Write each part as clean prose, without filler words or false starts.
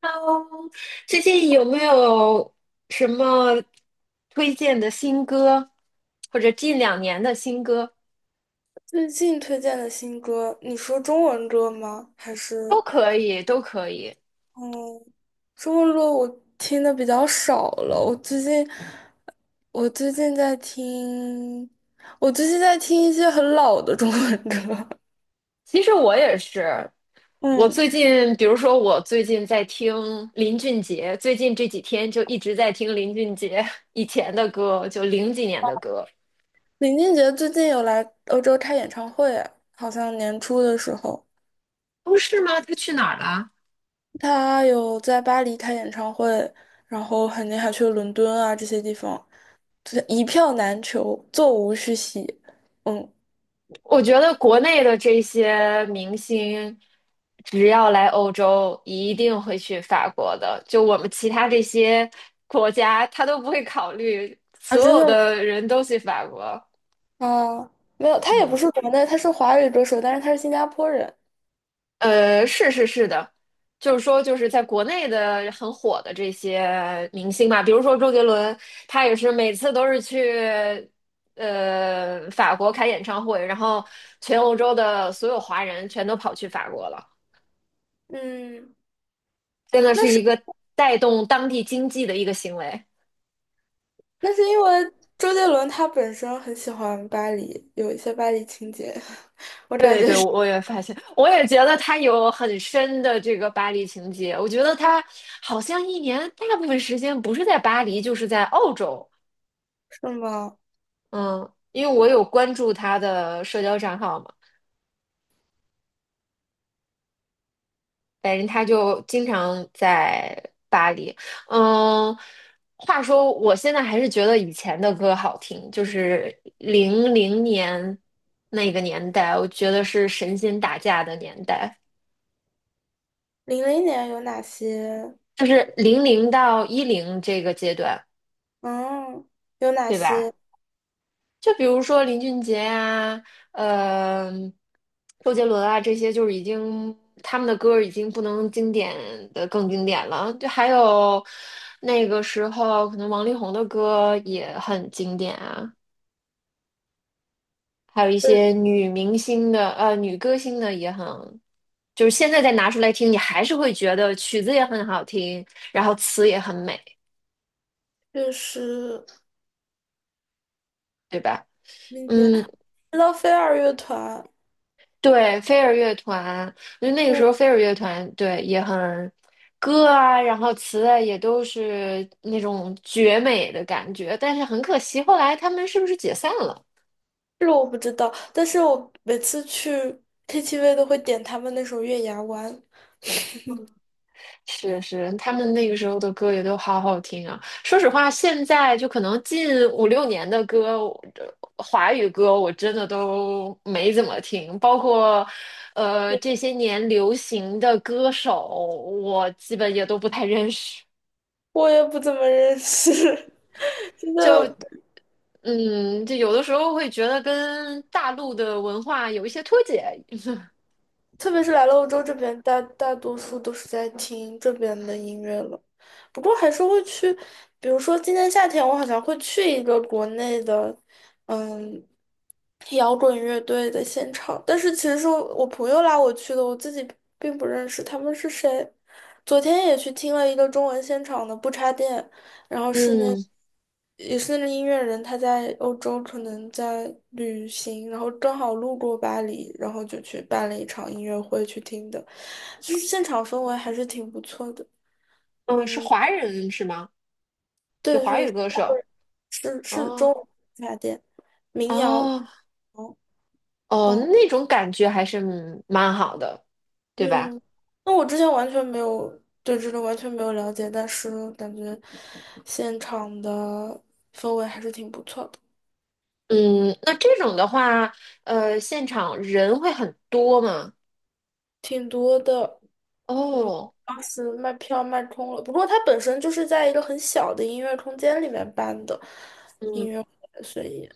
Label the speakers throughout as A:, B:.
A: Hello，最近有没有什么推荐的新歌，或者近两年的新歌？
B: 最近推荐的新歌，你说中文歌吗？还
A: 都
B: 是
A: 可以，都可以。
B: 嗯，中文歌我听的比较少了。我最近在听，我最近在听一些很老的中文歌。
A: 其实我也是，我
B: 嗯，
A: 最近，比如说我最近在听林俊杰，最近这几天就一直在听林俊杰 以前的歌，就零几年的歌。
B: 林俊杰最近有来欧洲开演唱会，好像年初的时候，
A: 哦，是吗？他去哪儿了？
B: 他有在巴黎开演唱会，然后肯定还去了伦敦啊这些地方，就是一票难求，座无虚席。嗯。
A: 我觉得国内的这些明星，只要来欧洲，一定会去法国的。就我们其他这些国家，他都不会考虑，
B: 啊，
A: 所
B: 真
A: 有
B: 的
A: 的人都去法国。
B: 啊，没有，他也不
A: 嗯，
B: 是国内，他是华语歌手，但是他是新加坡人。
A: 是是是的，就是说，就是在国内的很火的这些明星嘛，比如说周杰伦，他也是每次都是去法国开演唱会，然后全欧洲的所有华人全都跑去法国了。
B: 嗯，
A: 真的
B: 那
A: 是一
B: 是
A: 个带动当地经济的一个行为。
B: 那是因为周杰伦他本身很喜欢巴黎，有一些巴黎情节，我感
A: 对
B: 觉
A: 对，
B: 是。是
A: 我也发现，我也觉得他有很深的这个巴黎情节。我觉得他好像一年大部分时间不是在巴黎，就是在澳洲。
B: 吗？
A: 嗯，因为我有关注他的社交账号嘛，反正他就经常在巴黎。嗯，话说我现在还是觉得以前的歌好听，就是零零年那个年代，我觉得是神仙打架的年代。
B: 零零年有哪些？
A: 就是零零到一零这个阶段，
B: 嗯，有哪
A: 对吧？
B: 些？
A: 就比如说林俊杰啊，呃，周杰伦啊，这些就是已经他们的歌已经不能经典的更经典了。就还有那个时候，可能王力宏的歌也很经典啊，还有一
B: 对，
A: 些女明星的女歌星的也很，就是现在再拿出来听，你还是会觉得曲子也很好听，然后词也很美，
B: 就是
A: 对吧？
B: 林杰、
A: 嗯，
B: 知道飞儿乐团。
A: 对，飞儿乐团，我觉得那个时
B: 嗯，
A: 候飞儿乐团对也很歌啊，然后词啊也都是那种绝美的感觉，但是很可惜，后来他们是不是解散了？
B: 这个我不知道，但是我每次去 KTV 都会点他们那首《月牙湾》，
A: 是是，他们那个时候的歌也都好好听啊。说实话，现在就可能近五六年的歌，我华语歌我真的都没怎么听，包括这些年流行的歌手，我基本也都不太认识。
B: 我也不怎么认识。现
A: 就
B: 在
A: 嗯，就有的时候会觉得跟大陆的文化有一些脱节。
B: 特别是来了欧洲这边，大多数都是在听这边的音乐了。不过还是会去，比如说今年夏天，我好像会去一个国内的，嗯。摇滚乐队的现场，但是其实是我朋友拉我去的，我自己并不认识他们是谁。昨天也去听了一个中文现场的不插电，然后是那
A: 嗯
B: 也是那个音乐人，他在欧洲可能在旅行，然后正好路过巴黎，然后就去办了一场音乐会去听的，就是现场氛围还是挺不错的。
A: 嗯，是
B: 嗯，
A: 华人是吗？就
B: 对，
A: 华语
B: 是
A: 歌手。
B: 是是中
A: 哦
B: 文不插电民谣，
A: 哦
B: 嗯
A: 哦，
B: 嗯。
A: 那种感觉还是蛮好的，对吧？
B: 嗯，那我之前完全没有对这个完全没有了解，但是感觉现场的氛围还是挺不错的，
A: 嗯，那这种的话，现场人会很多吗？
B: 挺多的。嗯，
A: 哦，
B: 当时卖票卖空了，不过它本身就是在一个很小的音乐空间里面办的音
A: 嗯，
B: 乐会，所以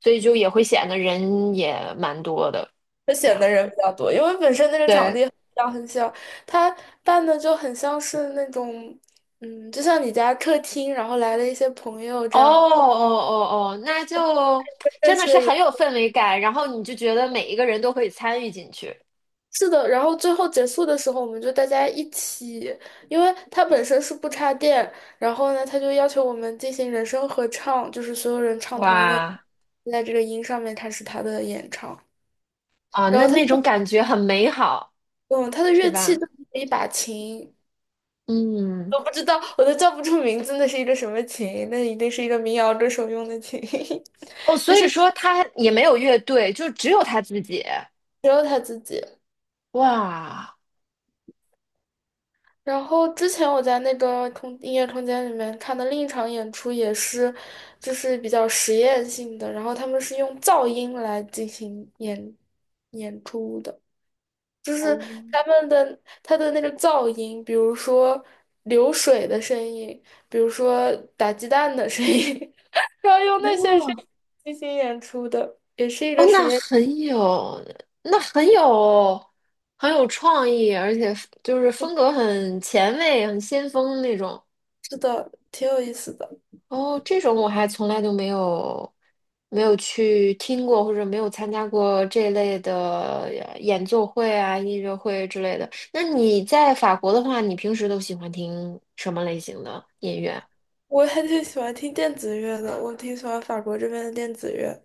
A: 所以就也会显得人也蛮多的，
B: 就
A: 这
B: 显得
A: 样。
B: 人比较多，因为本身那个场
A: 对。
B: 地很小很小，它办的就很像是那种，嗯，就像你家客厅，然后来了一些朋友
A: 哦
B: 这样。
A: 哦哦哦，那就
B: 认
A: 真的
B: 识
A: 是
B: 的
A: 很有氛围感，然后你就觉得每一个人都可以参与进去
B: 是的，然后最后结束的时候，我们就大家一起，因为它本身是不插电，然后呢，他就要求我们进行人声合唱，就是所有人唱同一个音
A: 哇，
B: 在这个音上面开始他的演唱。
A: 啊，
B: 然
A: 那
B: 后他，
A: 那种感觉很美好，
B: 嗯，他的
A: 是
B: 乐器
A: 吧？
B: 就是一把琴，
A: 嗯，
B: 我不知道，我都叫不出名字，那是一个什么琴？那一定是一个民谣歌手用的琴，
A: 哦，所以说他也没有乐队，就只有他自己。
B: 只有他自己。
A: 哇，
B: 然后之前我在那个空音乐空间里面看的另一场演出也是，就是比较实验性的，然后他们是用噪音来进行演出的，就是
A: 哦，
B: 他的那个噪音，比如说流水的声音，比如说打鸡蛋的声音，然后用那些声
A: 哦
B: 音进行演出的，也是一
A: 哦，
B: 个实
A: 那
B: 验
A: 很有，那很有，很有创意，而且就是风格很前卫、很先锋那种。
B: 室的，挺有意思的。
A: 哦，这种我还从来都没有去听过，或者没有参加过这类的演奏会啊、音乐会之类的。那你在法国的话，你平时都喜欢听什么类型的音乐？
B: 我还挺喜欢听电子乐的，我挺喜欢法国这边的电子乐。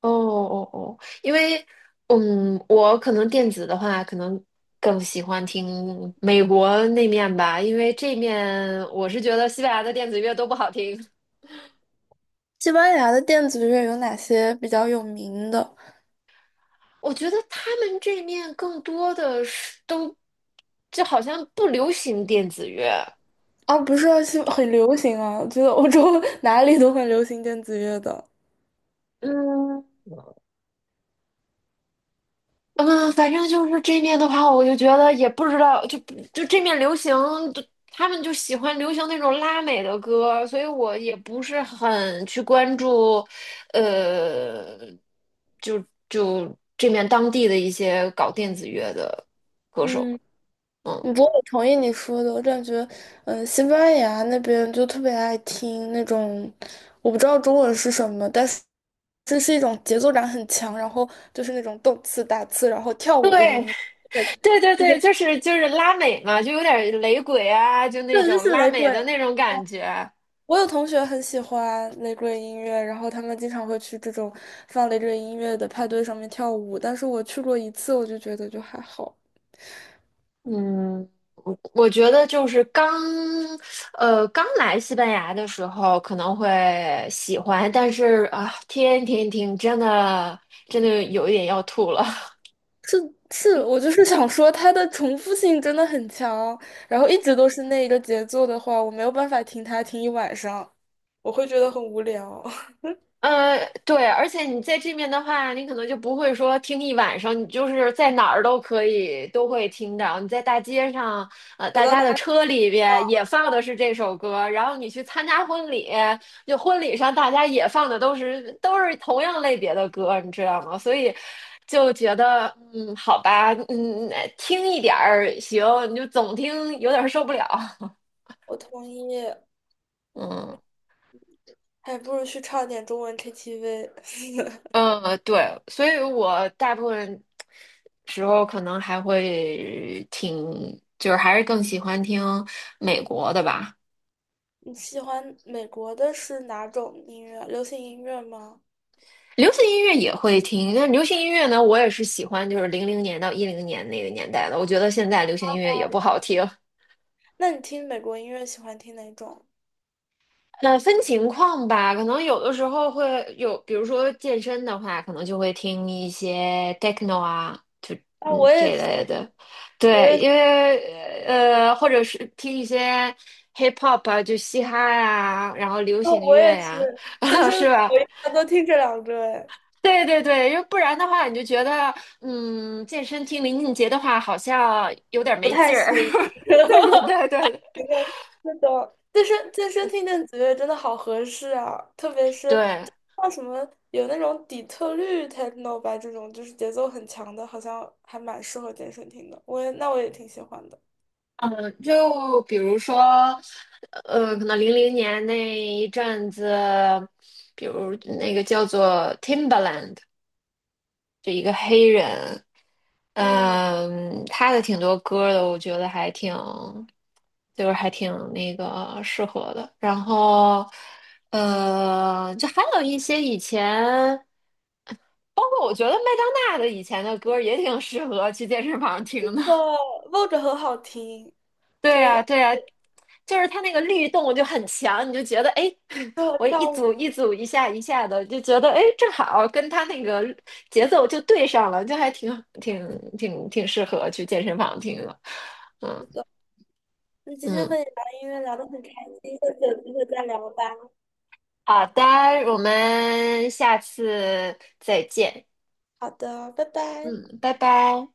A: 哦哦哦，因为我可能电子的话，可能更喜欢听美国那面吧，因为这面我是觉得西班牙的电子乐都不好听。
B: 西班牙的电子乐有哪些比较有名的？
A: 我觉得他们这面更多的是都，就好像不流行电子乐。
B: 啊，不是啊，是 很流行啊，我觉得欧洲 哪里都很流行电子乐的。
A: 嗯嗯，反正就是这面的话，我就觉得也不知道，就这面流行，就他们就喜欢流行那种拉美的歌，所以我也不是很去关注，呃，就就这面当地的一些搞电子乐的歌手。
B: 嗯，
A: 嗯，
B: 不过我同意你说的，我感觉，嗯，西班牙那边就特别爱听那种，我不知道中文是什么，但是这是一种节奏感很强，然后就是那种动次打次，然后跳
A: 对，
B: 舞的音乐。对，
A: 对对
B: 对，
A: 对，
B: 对，
A: 就是拉美嘛，就有点雷鬼啊，就
B: 就
A: 那种
B: 是
A: 拉
B: 雷
A: 美的
B: 鬼。
A: 那种感觉。
B: 我有同学很喜欢雷鬼音乐，然后他们经常会去这种放雷鬼音乐的派对上面跳舞。但是我去过一次，我就觉得就还好。
A: 嗯，我觉得就是刚来西班牙的时候可能会喜欢，但是啊，天天听真的真的有一点要吐了。
B: 是是，我就是 想说它的重复性真的很强，然后一直都是那一个节奏的话，我没有办法听它听一晚上，我会觉得很无聊。
A: 呃，对，而且你在这面的话，你可能就不会说听一晚上，你就是在哪儿都可以都会听到。你在大街上，
B: 走
A: 大
B: 到
A: 家
B: 哪
A: 的
B: 里，
A: 车里边也放的是这首歌，然后你去参加婚礼，就婚礼上大家也放的都是同样类别的歌，你知道吗？所以就觉得，好吧，听一点儿行，你就总听有点儿受不了，
B: 我同意，
A: 嗯。
B: 还不如去唱点中文 KTV。
A: 嗯，对，所以我大部分时候可能还会挺，就是还是更喜欢听美国的吧。
B: 你喜欢美国的是哪种音乐？流行音乐吗？
A: 流行音乐也会听，但流行音乐呢，我也是喜欢就是零零年到一零年那个年代的。我觉得现在流行音乐也不好听。
B: 那你听美国音乐喜欢听哪种？
A: 那分情况吧，可能有的时候会有，比如说健身的话，可能就会听一些 techno 啊，就
B: 啊，
A: 嗯
B: 我
A: 这
B: 也
A: 一类
B: 是，
A: 的，
B: 我
A: 对，
B: 也是，
A: 因为或者是听一些 hip hop 啊，就嘻哈呀、然后流
B: 哦，
A: 行
B: 我
A: 乐
B: 也
A: 呀、
B: 是，健 身
A: 是吧？
B: 我一般都听这两个，哎，
A: 对对对，因为不然的话，你就觉得健身听林俊杰的话，好像有点
B: 不
A: 没
B: 太
A: 劲儿。
B: 行。
A: 对对对对
B: 那个那种健身听电子乐真的好合适啊，特别是
A: 对。
B: 像什么有那种底特律 techno 吧，这种就是节奏很强的，好像还蛮适合健身听的。那我也挺喜欢的。
A: 嗯，就比如说，可能零零年那一阵子，比如那个叫做 Timberland 就一个黑人，
B: 嗯，
A: 嗯，他的挺多歌的，我觉得还挺，就是还挺那个适合的。然后，就还有一些以前，包括我觉得麦当娜的以前的歌也挺适合去健身房听的。
B: 那 v 着很好听，可
A: 对
B: 以。
A: 啊，对啊，就是它那个律动就很强，你就觉得哎，诶
B: 适 合
A: 我一
B: 跳舞。
A: 组一组一下一下的，就觉得哎，诶正好跟它那个节奏就对上了，就还挺适合去健身房听了。嗯
B: 那今天和
A: 嗯，
B: 你聊音乐聊得很开心，下次有机会再聊吧。
A: 好的，我们下次再见。
B: 好的，拜拜。
A: 嗯，拜拜。